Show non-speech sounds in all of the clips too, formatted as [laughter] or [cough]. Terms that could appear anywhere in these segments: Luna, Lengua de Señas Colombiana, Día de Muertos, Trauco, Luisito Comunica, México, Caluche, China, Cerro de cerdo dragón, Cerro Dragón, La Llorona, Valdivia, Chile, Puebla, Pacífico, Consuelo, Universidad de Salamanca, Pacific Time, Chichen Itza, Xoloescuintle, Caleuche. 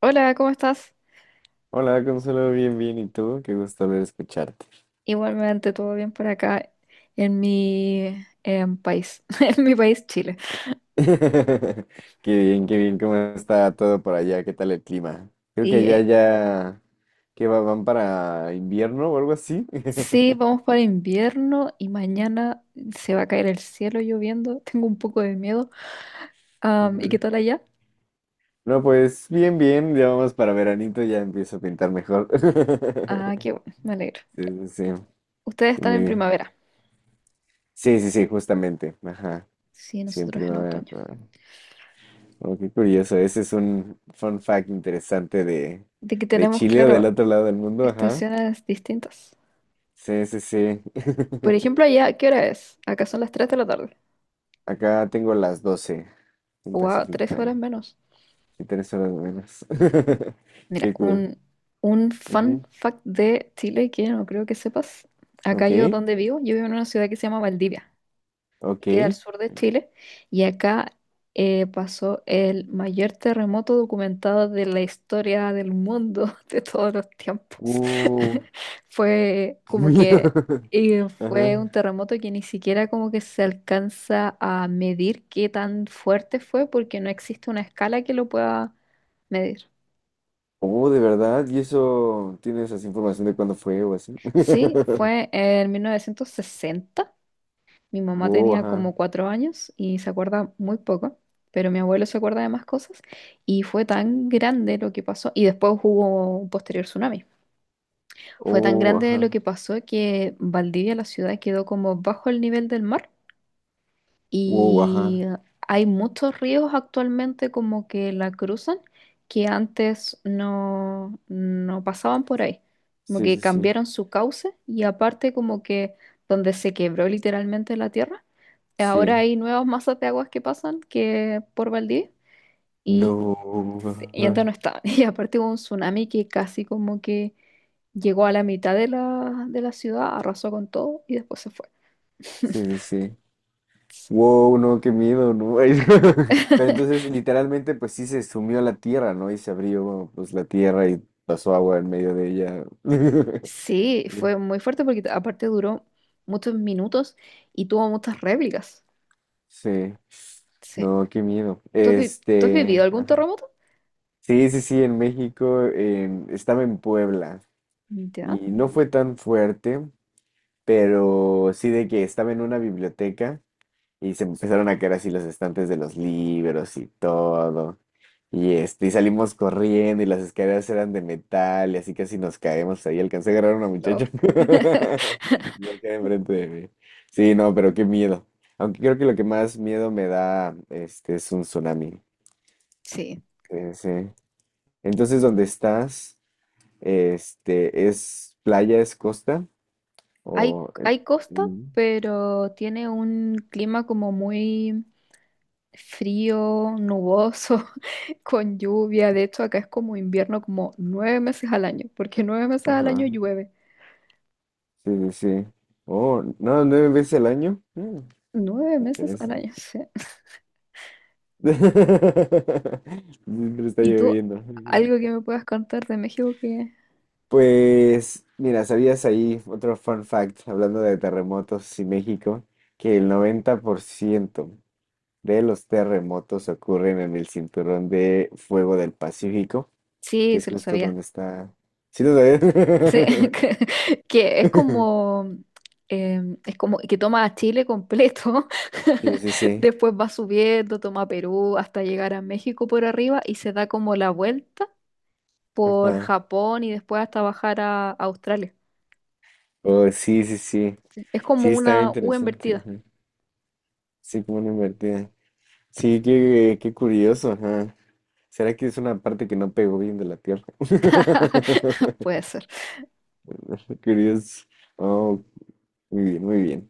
Hola, ¿cómo estás? Hola, Consuelo, bien, bien, ¿y tú? Qué gusto volver a escucharte. Igualmente, todo bien por acá en mi país, [laughs] en mi país, Chile. [laughs] Qué qué bien, ¿cómo está todo por allá? ¿Qué tal el clima? Creo que Y allá ya, que van para invierno o algo así. sí, [laughs] vamos para invierno y mañana se va a caer el cielo lloviendo. [laughs] Tengo un poco de miedo. ¿Y qué Ujú. tal allá? No, pues bien, bien, ya vamos para veranito, ya empiezo a pintar mejor. [laughs] Ah, qué bueno, me alegro. Sí, sí, sí, Ustedes sí, están en primavera. sí, sí, sí, justamente, ajá, Sí, sí, en nosotros en primavera. otoño. Oh, qué curioso, ese es un fun fact interesante De que de tenemos, Chile o del claro, otro lado del mundo, ajá. estaciones distintas. Sí, sí, sí. Por ejemplo, [laughs] allá, ¿qué hora es? Acá son las 3 de la tarde. Acá tengo las 12:00 en Wow, Pacific 3 Time. horas menos. Sí, 3 horas menos. [laughs] Mira, Qué cool. Un fun Ujú. fact de Chile que no creo que sepas. Acá Ok, yo donde vivo, yo vivo en una ciudad que se llama Valdivia, que ok. queda al sur de Chile, y acá pasó el mayor terremoto documentado de la historia del mundo [laughs] de todos los tiempos. Uh, [laughs] Fue [laughs] como miedo. que fue un Ajá. terremoto que ni siquiera como que se alcanza a medir qué tan fuerte fue, porque no existe una escala que lo pueda medir. Oh, de verdad. ¿Y eso tienes esa información de cuándo fue o así? Sí, [laughs] fue en 1960. Mi mamá Wow, tenía ajá. como 4 años y se acuerda muy poco, pero mi abuelo se acuerda de más cosas y fue tan grande lo que pasó, y después hubo un posterior tsunami. Fue tan Oh, grande ajá. lo que pasó que Valdivia, la ciudad, quedó como bajo el nivel del mar Wow, y ajá. hay muchos ríos actualmente como que la cruzan que antes no, no pasaban por ahí. Como Sí, que sí, sí. cambiaron su cauce y aparte como que donde se quebró literalmente la tierra, ahora Sí. hay nuevas masas de aguas que pasan que por Valdivia y, No. y Ajá. antes no estaban. [laughs] Y aparte hubo un tsunami que casi como que llegó a la mitad de la ciudad, arrasó con todo y después se fue. Sí, sí, sí. Wow, no, qué miedo, ¿no? [laughs] Pero [laughs] entonces, literalmente, pues sí se sumió a la tierra, ¿no? Y se abrió, pues, la tierra y pasó agua en medio de ella. [laughs] Sí, fue muy fuerte porque aparte duró muchos minutos y tuvo muchas réplicas. Sí, Sí. no, qué miedo. ¿Tú has vivido Este, algún ajá. terremoto? Sí, sí, sí, en México, estaba en Puebla Ya. y no fue tan fuerte, pero sí de que estaba en una biblioteca. Y se empezaron a caer así los estantes de los libros y todo. Y este, y salimos corriendo y las escaleras eran de metal y así casi nos caemos ahí. Alcancé a agarrar a una No. muchacha. [laughs] [laughs] Y acá enfrente de mí. Sí, no, pero qué miedo. Aunque creo que lo que más miedo me da este es un tsunami. Sí. Sí, sí. Entonces, ¿dónde estás? Este, ¿es playa, es costa? Hay, O hay costa, Mm, pero tiene un clima como muy frío, nuboso, [laughs] con lluvia. De hecho, acá es como invierno como 9 meses al año, porque 9 meses al año ajá. llueve. Sí, sí, sí. Oh, no, nueve veces al año. Mm. Nueve Pero meses al eso- año, [laughs] sí. [laughs] Siempre está ¿Y tú lloviendo. algo que me puedas contar de México que... Pues, mira, ¿sabías ahí otro fun fact hablando de terremotos y México? Que el 90% de los terremotos ocurren en el cinturón de fuego del Pacífico, que Sí, es se lo justo sabía. donde está. ¿Sí lo sabías? Sí, [laughs] que, que [laughs] eh, es como que toma a Chile completo, Sí, sí, [laughs] sí. después va subiendo, toma Perú hasta llegar a México por arriba y se da como la vuelta por Ajá. Japón y después hasta bajar a Australia. Oh, sí, sí, sí. Sí, es como Sí, está una U interesante, invertida. ajá. Sí, como una invertida. Sí, qué, qué curioso, ajá. ¿Será que es una parte que no pegó bien de la Tierra? [laughs] Puede [laughs] ser. Curioso. Oh, muy bien, muy bien.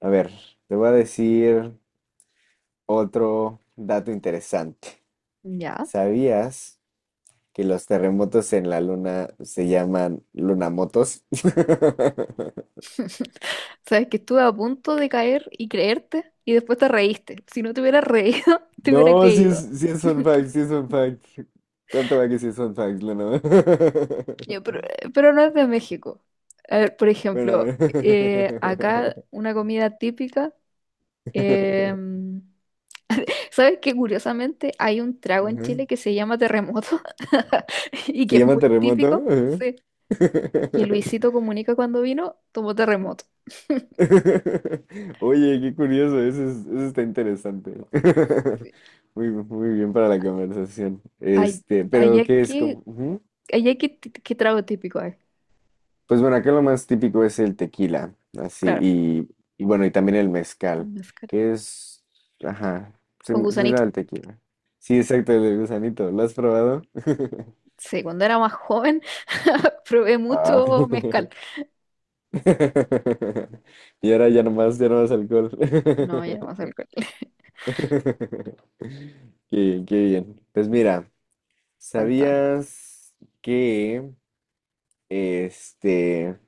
A ver, te voy a decir otro dato interesante. Ya. ¿Sabías que los terremotos en la Luna se llaman lunamotos? [laughs] [laughs] Sabes que estuve a punto de caer y creerte y después te reíste. Si no te hubiera reído, [laughs] te hubiera No, creído. sí es fun [laughs] fact, sí es fun fact. ¿Cuánto va que sí es fun fact, Luna? Ya, pero no es de México. A ver, por [laughs] ejemplo, Bueno. Acá una comida típica. [laughs] em, ¿sabes qué? Curiosamente hay un trago en Ujú. Chile que se llama terremoto [laughs] y ¿Se que es llama muy terremoto? típico. Ajá. Sí. Que Luisito [laughs] Comunica cuando vino tomó terremoto. Oye, qué curioso, eso, eso está interesante. [laughs] Sí. Muy, muy bien para la conversación. Ay- Este, Allá pero ¿qué es que, como? Ujú. Qué trago típico hay. Pues bueno, acá lo más típico es el tequila, así, Claro, y bueno, y también el el mezcal, mezcal. que es, ajá, Con gusanito. similar al tequila. Sí, exacto, el del gusanito, ¿lo has probado? [laughs] Sí, cuando era más joven [laughs] probé Ah. mucho mezcal. [laughs] Y ahora ya nomás, ya no más alcohol. No, ya no más [laughs] alcohol. [laughs] [laughs] Qué, qué bien. Pues Sí, mira, cuéntame. ¿sabías que este,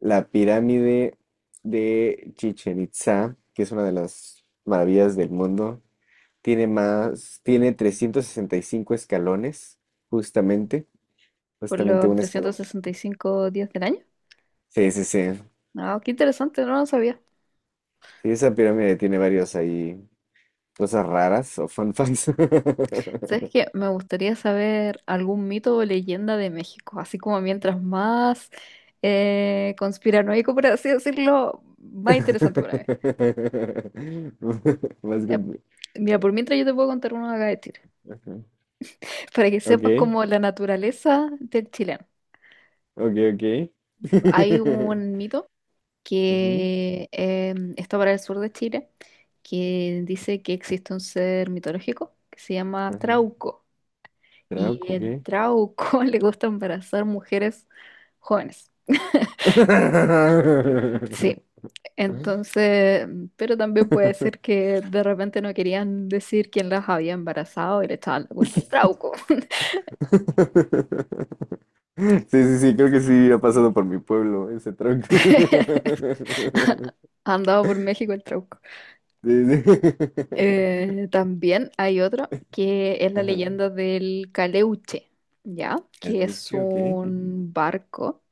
la pirámide de Chichen Itza, que es una de las maravillas del mundo, tiene 365 escalones, justamente, Por justamente los un trescientos escalón. sesenta y cinco días del año. Sí, sí, sí. Ah, qué interesante, no lo sabía. Sí, esa pirámide tiene varios ahí, cosas raras o fun facts. [laughs] [laughs] ¿Sabes qué? Me gustaría saber algún mito o leyenda de México, así como mientras más conspiranoico, por así decirlo, más interesante para mí. Más Ya. compli- Mira, por mientras yo te puedo contar uno acá de Chile, Ajá. para que sepas Ok, como la naturaleza del chileno. ok, ok. Hay [laughs] un mito Ujú, que está para el sur de Chile, que dice que existe un ser mitológico que se llama ajá. Trauco. Y Trauco, el ¿qué? trauco [laughs] le gusta embarazar mujeres jóvenes. Sí. [laughs] Entonces, pero también puede ser que de repente no querían decir quién las había embarazado y le echaban la culpa al trauco. [laughs] Sí, sí, sí, creo que sí ha Sí. pasado por mi pueblo ese tronco. [laughs] [laughs] Andado por México el trauco. Sí, sí. Eh, [laughs] también hay otro que es la Ajá. leyenda del Caleuche, ¿ya? Que es Caluche, ok. un barco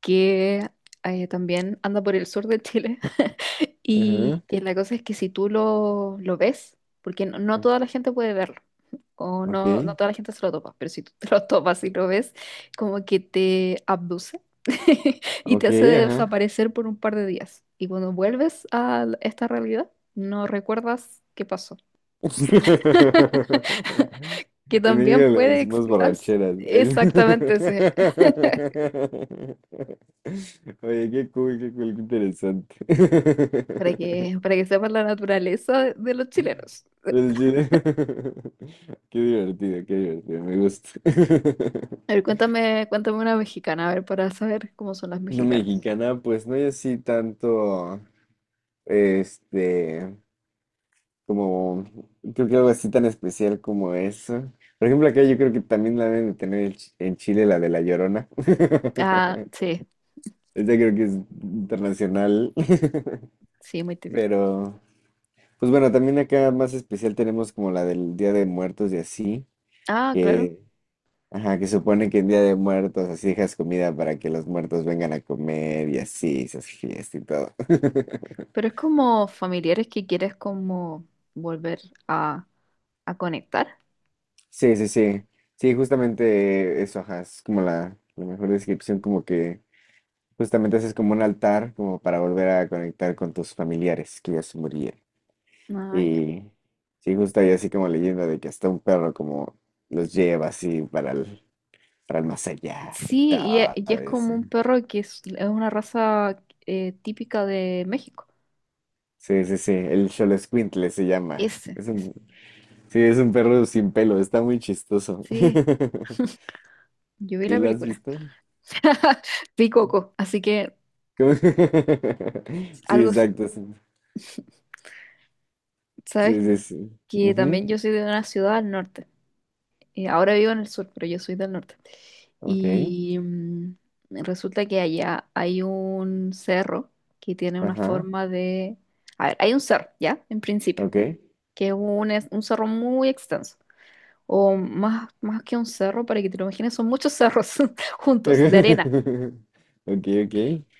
que también anda por el sur de Chile. Ajá. Y que la cosa es que si tú lo ves, porque no, no toda la gente puede verlo, o no, no Ok, toda la gente se lo topa, pero si tú [laughs] te lo topas y lo ves, como que te abduce [laughs] y te ok, hace ajá. desaparecer por un par de días. Y cuando vuelves a esta realidad, no recuerdas qué pasó. [laughs] Que En también México le puede decimos explicarse borracheras. [laughs] exactamente. Oye, qué cool, qué cool, qué interesante. [laughs] Pero Para que sepas la naturaleza de los chilenos. el [laughs] qué divertido, me gusta. A [laughs] ver, cuéntame, cuéntame una mexicana, a ver, para saber cómo son las No mexicanas. mexicana, pues no hay así tanto, este, como, creo que algo así tan especial como eso. Por ejemplo, acá yo creo que también la deben de tener en en Chile, la de La Llorona. Ah, [laughs] sí, Esa creo que es internacional, sí, muy [laughs] típico. pero, pues bueno, también acá más especial tenemos como la del Día de Muertos y así, Ah, claro. que, ajá, que supone que en Día de Muertos así dejas comida para que los muertos vengan a comer y así, se hace fiesta y todo. [laughs] Pero es como familiares que quieres como volver a, a conectar. Sí, sí, sí. Sí, justamente eso, ajá, es como la mejor descripción, como que justamente haces como un altar, como para volver a conectar con tus familiares que ya se murieron. Ah, ya. Y sí, justo hay así como leyenda de que hasta un perro como los lleva así para el más allá y Sí, y e- todo. y es, como Eso. un perro que es una raza típica de México. Sí, sí, sí, el Xoloescuintle se llama. Ese, Es ese. un, sí, es un perro sin pelo, está muy chistoso. Sí, [laughs] yo vi ¿Sí la lo has película. visto? [laughs] Vi Coco, así que ¿Cómo? [laughs] Sí, algo, s- exacto. Sí, sabes sí, sí. Sí. que Ujú, también yo soy de una ciudad al norte. Ahora vivo en el sur, pero yo soy del norte. ok, Y resulta que allá hay un cerro que tiene una ajá, forma de... A ver, hay un cerro, ¿ya? En principio, ok. que es un, un cerro muy extenso. O más, más que un cerro, para que te lo imagines, son muchos cerros [laughs] juntos, de arena. [laughs] Ok, ok.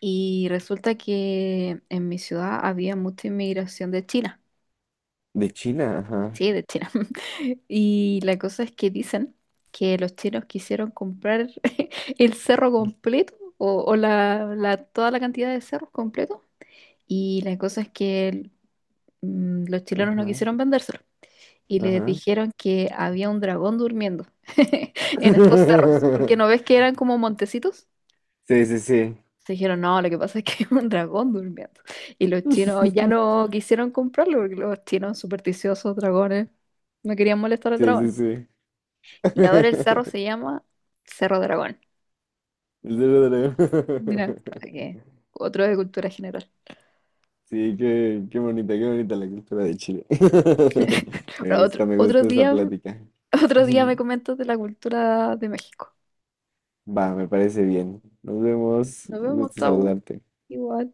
Y resulta que en mi ciudad había mucha inmigración de China. De China, ajá. Sí, de China. [laughs] Y la cosa es que dicen que los chinos quisieron comprar [laughs] el cerro completo o, toda la cantidad de cerros completos. Y la cosa es que los chilenos no Ajá, quisieron vendérselo. Y les ajá. dijeron que había un dragón durmiendo [laughs] en estos cerros. Porque no [laughs] ves que eran como montecitos. Sí, sí, sí. Se dijeron, no, lo que pasa es que [laughs] hay un dragón durmiendo. Y los chinos ya [laughs] no quisieron comprarlo porque los chinos supersticiosos, dragones, no querían molestar al Sí, dragón. sí, sí. Y ahora el cerro [laughs] se llama Cerro Dragón. El Cerro de cerdo Mira, dragón. para que... [laughs] Otro de cultura general. Sí, qué, qué bonita la cultura de Chile. [laughs] [laughs] Bueno, otro, me otro gusta esa día, plática. [laughs] otro día [laughs] me comentas de la cultura de México. Va, me parece bien. Nos vemos. Nos Un vemos, gusto chau. saludarte. Igual.